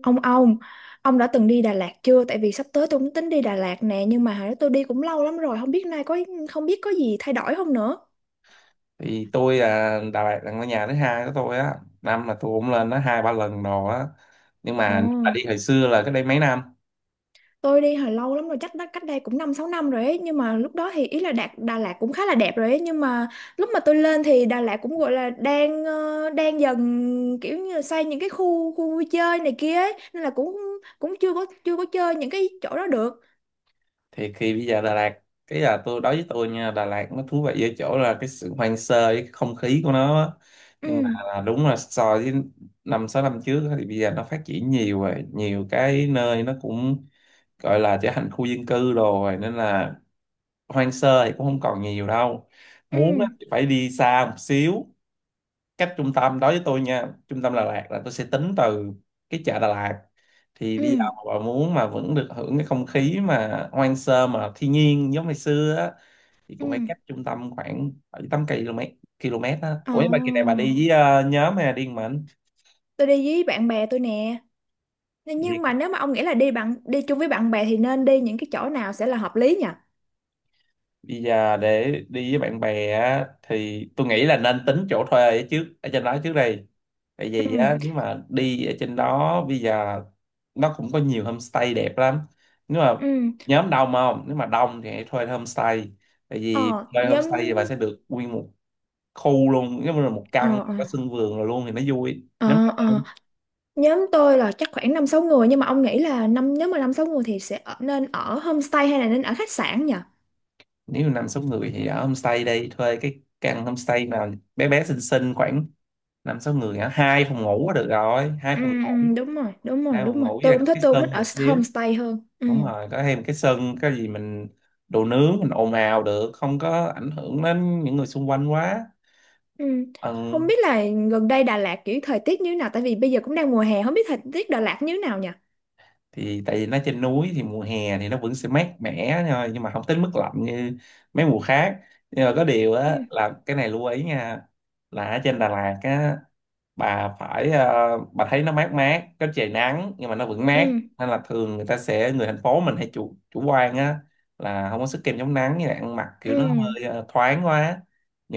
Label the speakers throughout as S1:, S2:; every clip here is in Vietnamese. S1: Ông ông, ông đã từng đi Đà Lạt chưa? Tại vì sắp tới tôi cũng tính đi Đà Lạt nè, nhưng mà hồi đó tôi đi cũng lâu lắm rồi, không biết có gì thay đổi không nữa.
S2: Thì tôi là Đà Lạt là ngôi nhà thứ hai của tôi á, năm là tôi cũng lên nó 2-3 lần rồi á, nhưng
S1: Ồ,
S2: mà nếu mà đi hồi xưa là cách đây mấy năm.
S1: tôi đi hồi lâu lắm rồi, chắc đã cách đây cũng 5-6 năm rồi ấy, nhưng mà lúc đó thì ý là Đà Lạt cũng khá là đẹp rồi ấy, nhưng mà lúc mà tôi lên thì Đà Lạt cũng gọi là đang dần kiểu như là xây những cái khu khu vui chơi này kia ấy, nên là cũng cũng chưa có chơi những cái chỗ đó được.
S2: Thì khi bây giờ Đà Lạt cái là tôi, đối với tôi nha, Đà Lạt nó thú vị ở chỗ là cái sự hoang sơ với cái không khí của nó á. Nhưng mà
S1: Ừ,
S2: là đúng là so với 5-6 năm trước á thì bây giờ nó phát triển nhiều rồi, nhiều cái nơi nó cũng gọi là trở thành khu dân cư rồi nên là hoang sơ thì cũng không còn nhiều đâu,
S1: ừ,
S2: muốn á thì phải đi xa một xíu. Cách trung tâm, đối với tôi nha, trung tâm Đà Lạt là tôi sẽ tính từ cái chợ Đà Lạt. Thì bây giờ
S1: ừ,
S2: mà bà muốn mà vẫn được hưởng cái không khí mà hoang sơ mà thiên nhiên giống ngày xưa á, thì cũng
S1: ừ.
S2: phải cách trung tâm khoảng 7 8 km km á.
S1: Ồ.
S2: Ủa nhưng mà kỳ này bà đi với nhóm hay là đi một mình?
S1: Tôi đi với bạn bè tôi nè. Nhưng mà nếu mà ông nghĩ là đi chung với bạn bè thì nên đi những cái chỗ nào sẽ là hợp lý nhỉ?
S2: Bây giờ để đi với bạn bè á, thì tôi nghĩ là nên tính chỗ thuê ở trước ở trên đó trước đây, tại vì
S1: Ừ,
S2: á nếu mà đi ở trên đó bây giờ nó cũng có nhiều homestay đẹp lắm. Nếu mà
S1: ừ,
S2: nhóm đông không, nếu mà đông thì hãy thuê homestay, tại vì
S1: ờ,
S2: thuê
S1: nhóm,
S2: homestay thì bà sẽ được nguyên một khu luôn, giống như là một
S1: ờ,
S2: căn
S1: ờ,
S2: có sân vườn rồi luôn thì nó vui nếu mà
S1: ờ, ờ.
S2: đông.
S1: Nhóm tôi là chắc khoảng 5-6 người, nhưng mà ông nghĩ là nếu mà 5-6 người thì nên ở homestay hay là nên ở khách sạn nhỉ?
S2: Nếu mà 5-6 người thì ở homestay, đây thuê cái căn homestay nào bé bé xinh xinh khoảng 5-6 người hả, hai phòng ngủ là được rồi, hai
S1: Ừ,
S2: phòng
S1: ừ,
S2: ngủ.
S1: đúng rồi, đúng rồi,
S2: Hai
S1: đúng
S2: phòng
S1: rồi,
S2: ngủ với
S1: tôi
S2: lại có
S1: cũng thích
S2: cái
S1: tôi cũng thích
S2: sân một
S1: ở
S2: xíu,
S1: homestay hơn. Ừ,
S2: đúng rồi, có thêm cái sân cái gì mình đồ nướng mình ồn ào được, không có ảnh hưởng đến những người xung quanh quá.
S1: ừ,
S2: Ừ.
S1: không biết là gần đây Đà Lạt kiểu thời tiết như thế nào, tại vì bây giờ cũng đang mùa hè, không biết thời tiết Đà Lạt như thế nào nhỉ?
S2: Thì tại vì nó trên núi thì mùa hè thì nó vẫn sẽ mát mẻ thôi, nhưng mà không tới mức lạnh như mấy mùa khác. Nhưng mà có điều á
S1: Ừ,
S2: là cái này lưu ý nha, là ở trên Đà Lạt á, bà phải bà thấy nó mát mát có trời nắng nhưng mà nó vẫn mát,
S1: ừ,
S2: nên là thường người ta sẽ, người thành phố mình hay chủ chủ quan á, là không có sức kem chống nắng, như là ăn mặc kiểu nó
S1: ừ,
S2: hơi thoáng quá.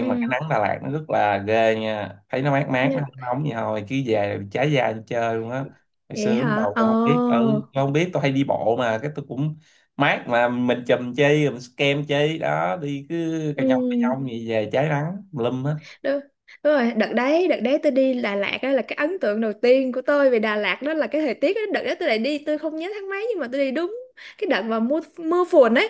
S1: ừ.
S2: mà cái nắng Đà Lạt nó rất là ghê nha, thấy nó mát mát nó
S1: Nên-
S2: không nóng gì thôi, cứ về là bị cháy da đi chơi luôn á. Ngày
S1: Vậy
S2: xưa lúc
S1: hả?
S2: đầu tôi không biết,
S1: Ồ.
S2: tôi hay đi bộ mà cái tôi cũng mát mà mình chùm chi mình sức kem chi đó, đi cứ
S1: Ừ.
S2: cà nhông gì về cháy nắng lum
S1: Đúng, đúng rồi, đợt đấy tôi đi Đà Lạt đó là cái ấn tượng đầu tiên của tôi về Đà Lạt đó là cái thời tiết đó. Đợt đó tôi lại đi, tôi không nhớ tháng mấy, nhưng mà tôi đi đúng cái đợt mà mưa mưa phùn ấy.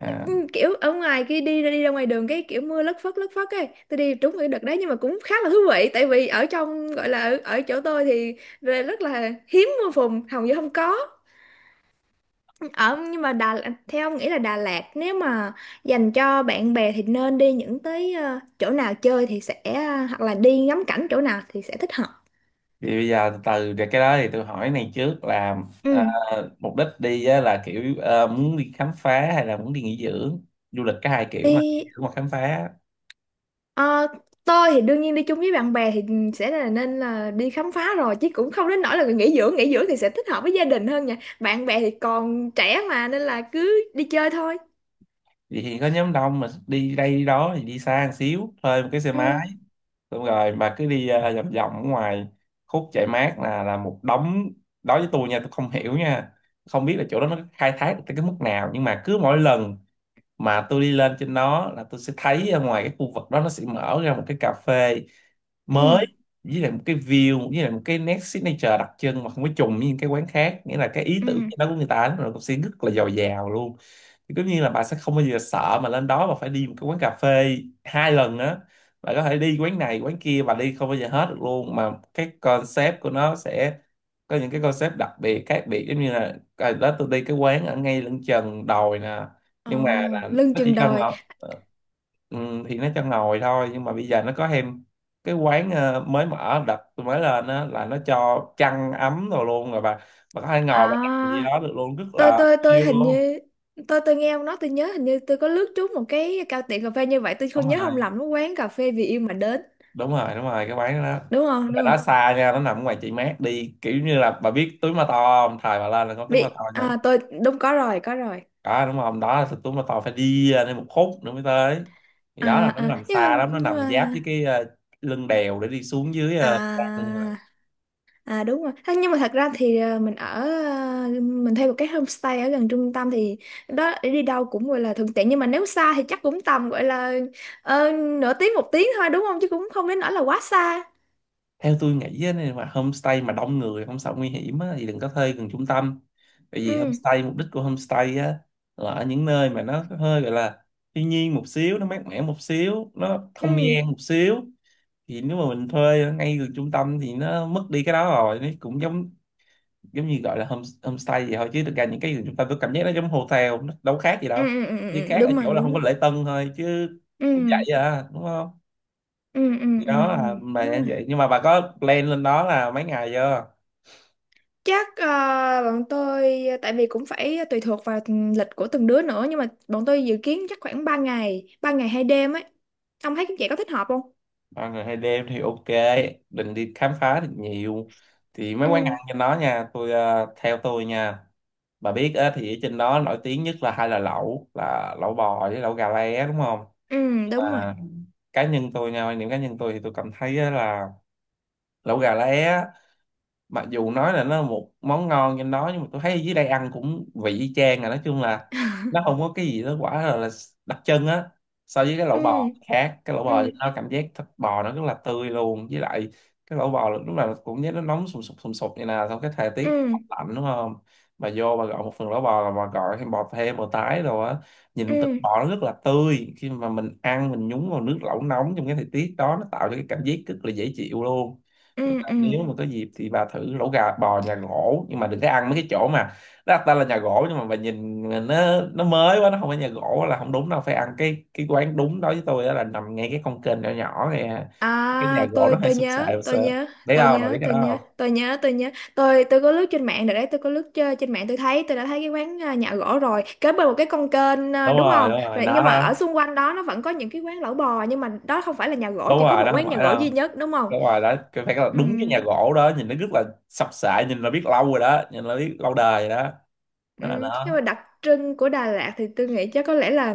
S2: hết.
S1: Ừ, kiểu ở ngoài kia đi ra ngoài đường cái kiểu mưa lất phất ấy, tôi đi trúng cái đợt đấy, nhưng mà cũng khá là thú vị tại vì ở trong gọi là ở chỗ tôi thì rất là hiếm mưa phùn, hầu như không có. Ở nhưng mà Đà Theo ông nghĩ là Đà Lạt nếu mà dành cho bạn bè thì nên đi những tới ờ, chỗ nào chơi thì hoặc là đi ngắm cảnh chỗ nào thì sẽ thích hợp?
S2: Thì bây giờ từ từ để cái đó thì tôi hỏi này trước là, à,
S1: Ừ,
S2: mục đích đi á, là kiểu muốn đi khám phá hay là muốn đi nghỉ dưỡng? Du lịch có hai kiểu mà, nghỉ
S1: đi
S2: dưỡng hoặc khám phá.
S1: ờ, tôi thì đương nhiên đi chung với bạn bè thì sẽ là nên là đi khám phá rồi, chứ cũng không đến nỗi là nghỉ dưỡng. Nghỉ dưỡng thì sẽ thích hợp với gia đình hơn nha, bạn bè thì còn trẻ mà, nên là cứ đi chơi thôi.
S2: Vậy thì có nhóm đông mà đi đây đi đó thì đi xa một xíu thuê một cái xe
S1: Ừ,
S2: máy, xong rồi mà cứ đi vòng vòng ở ngoài, khúc chạy mát là một đống. Đối với tôi nha, tôi không hiểu nha, không biết là chỗ đó nó khai thác được tới cái mức nào, nhưng mà cứ mỗi lần mà tôi đi lên trên đó là tôi sẽ thấy ở ngoài cái khu vực đó nó sẽ mở ra một cái cà phê
S1: ừ,
S2: mới, với lại một cái view, với lại một cái nét signature đặc trưng mà không có trùng với những cái quán khác, nghĩa là cái ý
S1: ừ,
S2: tưởng đó của người ta nó cũng sẽ rất là giàu giàu luôn. Thì tất nhiên là bà sẽ không bao giờ sợ mà lên đó mà phải đi một cái quán cà phê hai lần á, bà có thể đi quán này quán kia, bà đi không bao giờ hết được luôn, mà cái concept của nó sẽ có những cái concept đặc biệt khác biệt, giống như là à, đó, tôi đi cái quán ở ngay lưng chừng đồi nè,
S1: ờ
S2: nhưng mà là
S1: lưng
S2: nó chỉ
S1: chừng
S2: cho
S1: đời.
S2: ngồi. Ừ, thì nó cho ngồi thôi nhưng mà bây giờ nó có thêm cái quán mới mở đặt tôi mới lên á, là nó cho chăn ấm rồi luôn rồi, bà có thể ngồi bà đặt gì
S1: À,
S2: đó được luôn, rất
S1: tôi
S2: là
S1: tôi tôi
S2: chill
S1: hình
S2: luôn.
S1: như tôi nghe ông nói tôi nhớ, hình như tôi có lướt trúng một cái cao tiệm cà phê như vậy, tôi
S2: Đúng
S1: không nhớ
S2: rồi,
S1: không lầm nó quán cà phê vì yêu mà đến
S2: đúng rồi, đúng rồi, cái quán đó.
S1: đúng không?
S2: Nhưng mà
S1: Đúng
S2: nó
S1: không?
S2: xa nha, nó nằm ngoài chị mát, đi kiểu như là bà biết túi ma to không, thời bà lên là có túi ma to kìa.
S1: Tôi đúng có rồi, có rồi.
S2: Có đúng không, đó là túi ma to, phải đi nên một khúc nữa mới tới. Thì đó là
S1: À,
S2: nó
S1: à,
S2: nằm
S1: nhưng mà
S2: xa lắm, nó
S1: nhưng
S2: nằm giáp
S1: mà
S2: với cái lưng đèo để đi xuống dưới
S1: à, à, đúng rồi. Thế nhưng mà thật ra thì mình thuê một cái homestay ở gần trung tâm thì đó đi đâu cũng gọi là thuận tiện, nhưng mà nếu xa thì chắc cũng tầm gọi là ờ, nửa tiếng một tiếng thôi đúng không, chứ cũng không đến nỗi là quá xa.
S2: theo tôi nghĩ á, nếu mà homestay mà đông người không sợ nguy hiểm á, thì đừng có thuê gần trung tâm. Tại vì
S1: Ừ,
S2: homestay, mục đích của homestay á, là ở những nơi mà nó hơi gọi là thiên nhiên một xíu, nó mát mẻ một xíu, nó
S1: ừ,
S2: không gian một xíu. Thì nếu mà mình thuê ở ngay gần trung tâm thì nó mất đi cái đó rồi, nó cũng giống giống như gọi là home, homestay vậy thôi, chứ thực ra những cái gần trung tâm tôi cảm giác nó giống hotel, nó đâu khác gì
S1: ừ,
S2: đâu,
S1: ừ, ừ, ừ,
S2: chỉ
S1: ừ,
S2: khác ở
S1: đúng rồi,
S2: chỗ là
S1: đúng
S2: không có
S1: rồi.
S2: lễ tân thôi chứ
S1: Ừ,
S2: cũng vậy à, đúng không?
S1: ừ, ừ,
S2: Thì
S1: ừ,
S2: đó
S1: ừ,
S2: là bà
S1: đúng
S2: đã
S1: rồi,
S2: vậy, nhưng mà bà có plan lên đó là mấy ngày chưa?
S1: chắc bọn tôi, tại vì cũng phải tùy thuộc vào lịch của từng đứa nữa, nhưng mà bọn tôi dự kiến chắc khoảng 3 ngày 2 đêm ấy, ông thấy vậy có thích hợp không?
S2: 3 ngày 2 đêm thì ok. Định đi khám phá thì nhiều. Thì mấy quán
S1: Ừ,
S2: ăn trên đó nha, theo tôi nha, bà biết á, thì ở trên đó nổi tiếng nhất là hai là lẩu, là lẩu bò với lẩu gà lá, đúng không?
S1: ừ, đúng rồi.
S2: Mà cá nhân tôi nha, quan điểm cá nhân tôi thì tôi cảm thấy á là lẩu gà lá mặc dù nói là nó là một món ngon trên đó, nhưng mà tôi thấy ở dưới đây ăn cũng vị y chang à, nói chung là nó không có cái gì đó quả là đặc trưng á so với cái lẩu
S1: Ừ,
S2: bò khác. Cái lẩu
S1: ừ,
S2: bò thì nó cảm giác thịt bò nó rất là tươi luôn, với lại cái lẩu bò lúc nào cũng nhớ nó nóng sùng sục như nào trong cái thời
S1: ừ,
S2: tiết lạnh, đúng không? Bà vô bà gọi một phần lẩu bò là bà gọi thêm bò, thêm bò tái rồi á, nhìn thịt
S1: ừ,
S2: bò nó rất là tươi, khi mà mình ăn mình nhúng vào nước lẩu nóng trong cái thời tiết đó, nó tạo cho cái cảm giác rất là dễ chịu luôn. Tức
S1: ừ,
S2: là
S1: ừ.
S2: nếu mà có dịp thì bà thử lẩu gà bò nhà gỗ, nhưng mà đừng có ăn mấy cái chỗ mà nó đặt tên là nhà gỗ nhưng mà bà nhìn nó mới quá, nó không phải nhà gỗ là không đúng đâu. Phải ăn cái quán đúng, đối với tôi đó là nằm ngay cái con kênh nhỏ nhỏ này. Cái nhà
S1: À,
S2: gỗ
S1: tôi
S2: nó hay
S1: tôi
S2: sụp sệ
S1: nhớ,
S2: một
S1: tôi
S2: sơ,
S1: nhớ,
S2: biết
S1: tôi
S2: không, bà biết
S1: nhớ,
S2: cái
S1: tôi
S2: đó
S1: nhớ,
S2: không?
S1: tôi nhớ, tôi nhớ. Tôi có lướt trên mạng rồi đấy, tôi có lướt trên trên mạng tôi thấy, tôi đã thấy cái quán nhà gỗ rồi, kế bên một cái con kênh à,
S2: Đúng
S1: đúng
S2: rồi,
S1: không?
S2: đúng rồi,
S1: Rồi
S2: nó
S1: nhưng mà ở
S2: đó.
S1: xung quanh đó nó vẫn có những cái quán lẩu bò, nhưng mà đó không phải là nhà gỗ,
S2: Đúng
S1: chỉ có
S2: rồi,
S1: một
S2: nó không
S1: quán nhà
S2: phải
S1: gỗ
S2: đâu,
S1: duy nhất đúng không?
S2: đúng rồi, đó cái phải là
S1: Ừ,
S2: đúng cái nhà gỗ đó, nhìn nó rất là sập sệ, nhìn là biết lâu rồi đó, nhìn là biết lâu đời rồi đó,
S1: ừ,
S2: mới là
S1: nhưng
S2: nó.
S1: mà đặc trưng của Đà Lạt thì tôi nghĩ chắc có lẽ là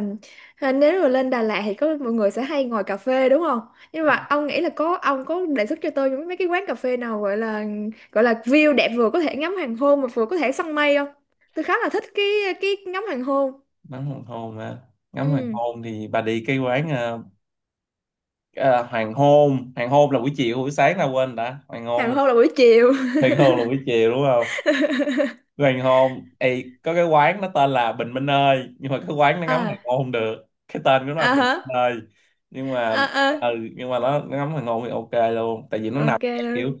S1: nếu mà lên Đà Lạt thì có mọi người sẽ hay ngồi cà phê đúng không? Nhưng mà ông nghĩ là ông có đề xuất cho tôi những mấy cái quán cà phê nào gọi là view đẹp, vừa có thể ngắm hoàng hôn mà vừa có thể săn mây không? Tôi khá là thích cái ngắm hoàng hôn.
S2: Ngắm hoàng hôn mà ngắm hoàng
S1: Ừ,
S2: hôn thì bà đi cái quán à, hoàng hôn, hoàng hôn là buổi chiều, buổi sáng là, quên, đã hoàng
S1: hoàng
S2: hôn,
S1: hôn là buổi chiều.
S2: hoàng hôn là buổi chiều đúng không? Hoàng hôn, Ê, có cái quán nó tên là Bình Minh ơi, nhưng mà cái quán nó ngắm hoàng
S1: À,
S2: hôn không được, cái tên của nó là
S1: à
S2: Bình
S1: hả?
S2: Minh ơi. nhưng mà
S1: À, à,
S2: ừ, nhưng mà nó ngắm hoàng hôn thì ok luôn, tại vì nó nằm
S1: ok.
S2: cái kiểu,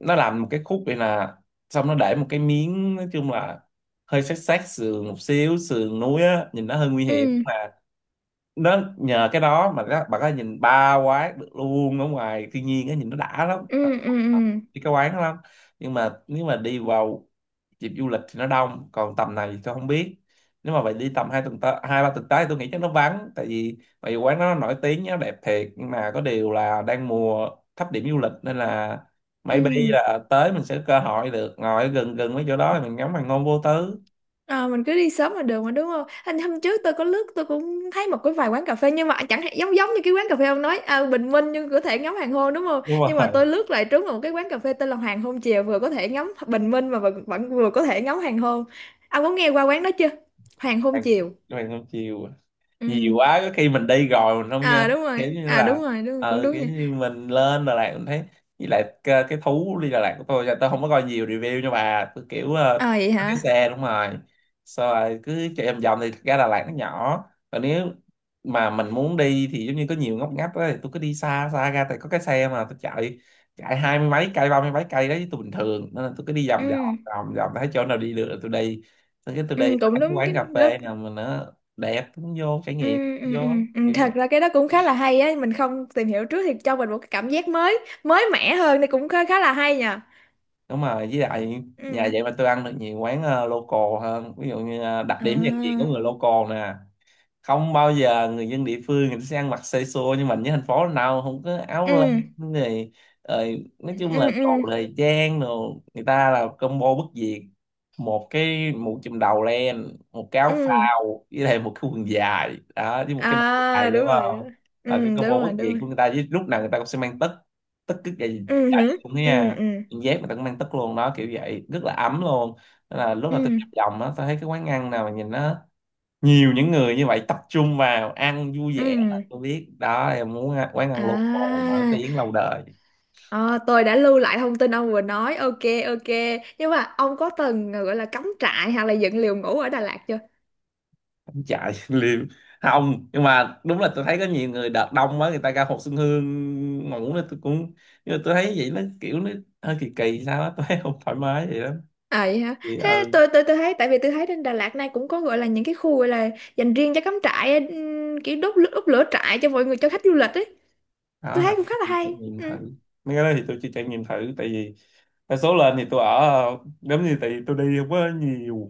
S2: nó làm một cái khúc vậy nè, xong nó để một cái miếng, nói chung là hơi sát sát sườn một xíu, sườn núi á, nhìn nó hơi nguy hiểm.
S1: Ừ,
S2: Nó nhờ cái đó mà các bạn có thể nhìn ba quán được luôn ở ngoài thiên nhiên á, nhìn nó đã lắm.
S1: ừ, ừ, ừ.
S2: Đi cái quán đó lắm. Nhưng mà nếu mà đi vào dịp du lịch thì nó đông, còn tầm này thì tôi không biết. Nếu mà bạn đi tầm 2 tuần tới 2-3 tuần tới thì Tôi nghĩ chắc nó vắng tại vì quán nó nổi tiếng, nó đẹp thiệt, nhưng mà có điều là đang mùa thấp điểm du lịch, nên là maybe
S1: Ừ.
S2: là tới mình sẽ có cơ hội được ngồi gần gần mấy chỗ đó thì mình ngắm hoàng hôn vô tư.
S1: Ờ, mình cứ đi sớm là được mà đúng không? Anh hôm trước tôi có lướt tôi cũng thấy một cái vài quán cà phê, nhưng mà chẳng hạn giống giống như cái quán cà phê ông nói à, bình minh nhưng có thể ngắm hoàng hôn đúng không?
S2: Đúng
S1: Nhưng mà
S2: rồi.
S1: tôi lướt lại trúng vào một cái quán cà phê tên là Hoàng Hôn Chiều, vừa có thể ngắm bình minh mà vẫn vừa có thể ngắm hoàng hôn. Ông có nghe qua quán đó chưa? Hoàng Hôn
S2: bạn
S1: Chiều.
S2: bạn không chiều nhiều
S1: Ừ.
S2: quá, có khi mình đi rồi mình không nhớ.
S1: À đúng
S2: Kiểu
S1: rồi.
S2: như
S1: À đúng
S2: là,
S1: rồi, đúng cũng đúng
S2: kiểu
S1: nha.
S2: như mình lên Đà Lạt mình thấy, với lại cái thú đi Đà Lạt của tôi là tôi không có coi nhiều review, nhưng mà tôi kiểu
S1: À vậy
S2: có cái
S1: hả?
S2: xe, đúng rồi, sau rồi cứ chạy vòng vòng. Thì thực ra Đà Lạt nó nhỏ, còn nếu mà mình muốn đi thì giống như có nhiều ngóc ngách đó, thì tôi cứ đi xa xa ra, tại có cái xe mà tôi chạy, chạy hai mươi mấy cây ba mươi mấy cây đấy tôi bình thường, nên là tôi cứ đi vòng vòng,
S1: Ừ.
S2: vòng vòng, thấy chỗ nào đi được là tôi đi, xong cái tôi đi
S1: Ừ,
S2: tới
S1: cũng
S2: cái
S1: đúng
S2: quán
S1: cái
S2: cà
S1: đó.
S2: phê nào mà nó đẹp cũng vô trải
S1: Ừ,
S2: nghiệm,
S1: ừ, ừ.
S2: vô
S1: Ừ.
S2: kiểu
S1: Thật
S2: vậy.
S1: ra cái đó cũng khá là hay á, mình không tìm hiểu trước thì cho mình một cái cảm giác mới mới mẻ hơn thì cũng khá khá là hay nhờ.
S2: Đúng rồi, với lại nhà
S1: Ừ,
S2: vậy mà tôi ăn được nhiều quán local hơn. Ví dụ như đặc điểm nhận diện của
S1: à,
S2: người local nè, không bao giờ người dân địa phương người ta sẽ ăn mặc xê xô, nhưng mà như thành phố nào không có áo
S1: ừ,
S2: len này, rồi nói chung
S1: ừ,
S2: là đồ
S1: ừ,
S2: thời trang, đồ người ta là combo bất diệt: một cái mũ chùm đầu len, một cái áo
S1: ừ,
S2: phao, với lại một cái quần dài đó, với một cái đai
S1: à,
S2: dài, đúng
S1: đúng rồi, đúng
S2: không?
S1: rồi. Ừ,
S2: Là cái
S1: đúng
S2: combo bất
S1: rồi, đúng
S2: diệt của
S1: rồi.
S2: người ta. Với lúc nào người ta cũng sẽ mang tất, tất cứ cái gì
S1: Ừ
S2: chả gì
S1: hử,
S2: cũng thế
S1: ừ,
S2: nha.
S1: ừ,
S2: Quần dép người ta cũng mang tất luôn đó, kiểu vậy rất là ấm luôn. Nên là lúc mà tôi
S1: ừ,
S2: nhập vòng á, tôi thấy cái quán ăn nào mà nhìn nó nhiều những người như vậy tập trung vào ăn vui vẻ là
S1: ừ,
S2: tôi biết đó, em muốn ăn- quán ăn local nổi
S1: à.
S2: tiếng lâu đời.
S1: Ờ, tôi đã lưu lại thông tin ông vừa nói, ok. Ok, nhưng mà ông có từng gọi là cắm trại hoặc là dựng lều ngủ ở Đà Lạt chưa?
S2: Không chạy liêm. Không, nhưng mà đúng là tôi thấy có nhiều người đợt đông quá người ta ra Hồ Xuân Hương ngủ nên tôi cũng, nhưng mà tôi thấy vậy nó kiểu nó hơi kỳ kỳ sao á tôi thấy không thoải mái vậy lắm.
S1: À vậy hả?
S2: Thì
S1: Thế
S2: ừ.
S1: tôi thấy, tại vì tôi thấy trên Đà Lạt này cũng có gọi là những cái khu gọi là dành riêng cho cắm trại, kiểu đốt lửa trại cho mọi người, cho khách du lịch ấy.
S2: Đó
S1: Tôi thấy
S2: hả?
S1: cũng khá là
S2: Trải
S1: hay.
S2: nghiệm
S1: Ừ.
S2: thử mấy cái đó thì tôi chưa trải nghiệm thử, tại vì đa số lên thì tôi ở giống như, tại vì tôi đi không có nhiều,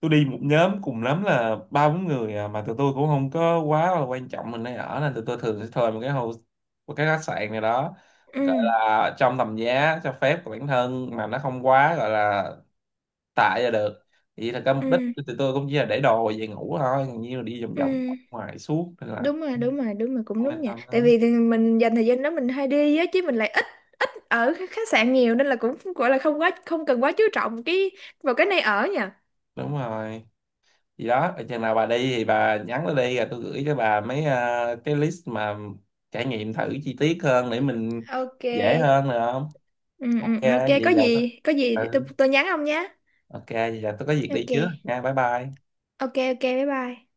S2: tôi đi một nhóm cùng lắm là ba bốn người à, mà tụi tôi cũng không có quá là quan trọng mình nơi ở, nên tụi tôi thường sẽ thuê một cái hồ, một cái khách sạn này đó,
S1: Ừ.
S2: gọi là trong tầm giá cho phép của bản thân mà nó không quá gọi là tệ là được. Thì thật ra mục đích
S1: Ừ.
S2: của tụi tôi cũng chỉ là để đồ về ngủ thôi, còn như là đi vòng vòng
S1: Ừ.
S2: ngoài suốt, nên là
S1: Đúng rồi, đúng rồi, đúng rồi, cũng
S2: không
S1: đúng
S2: yên
S1: nha.
S2: tâm
S1: Tại
S2: lắm.
S1: vì thì mình dành thời gian đó mình hay đi á, chứ mình lại ít ở khách khách sạn nhiều, nên là cũng gọi là không cần quá chú trọng vào cái nơi ở nha.
S2: Đúng rồi, gì đó chừng nào bà đi thì bà nhắn nó đi, rồi tôi gửi cho bà mấy cái list mà trải nghiệm thử chi tiết hơn để mình
S1: Ok.
S2: dễ hơn, được không?
S1: Ừ,
S2: Ok
S1: ừ, ok,
S2: vậy
S1: có
S2: là,
S1: gì, có gì tôi
S2: ừ,
S1: tôi nhắn ông nhé.
S2: ok vậy là tôi có việc đi
S1: Ok.
S2: trước nha, bye bye.
S1: Ok, ok, bye bye.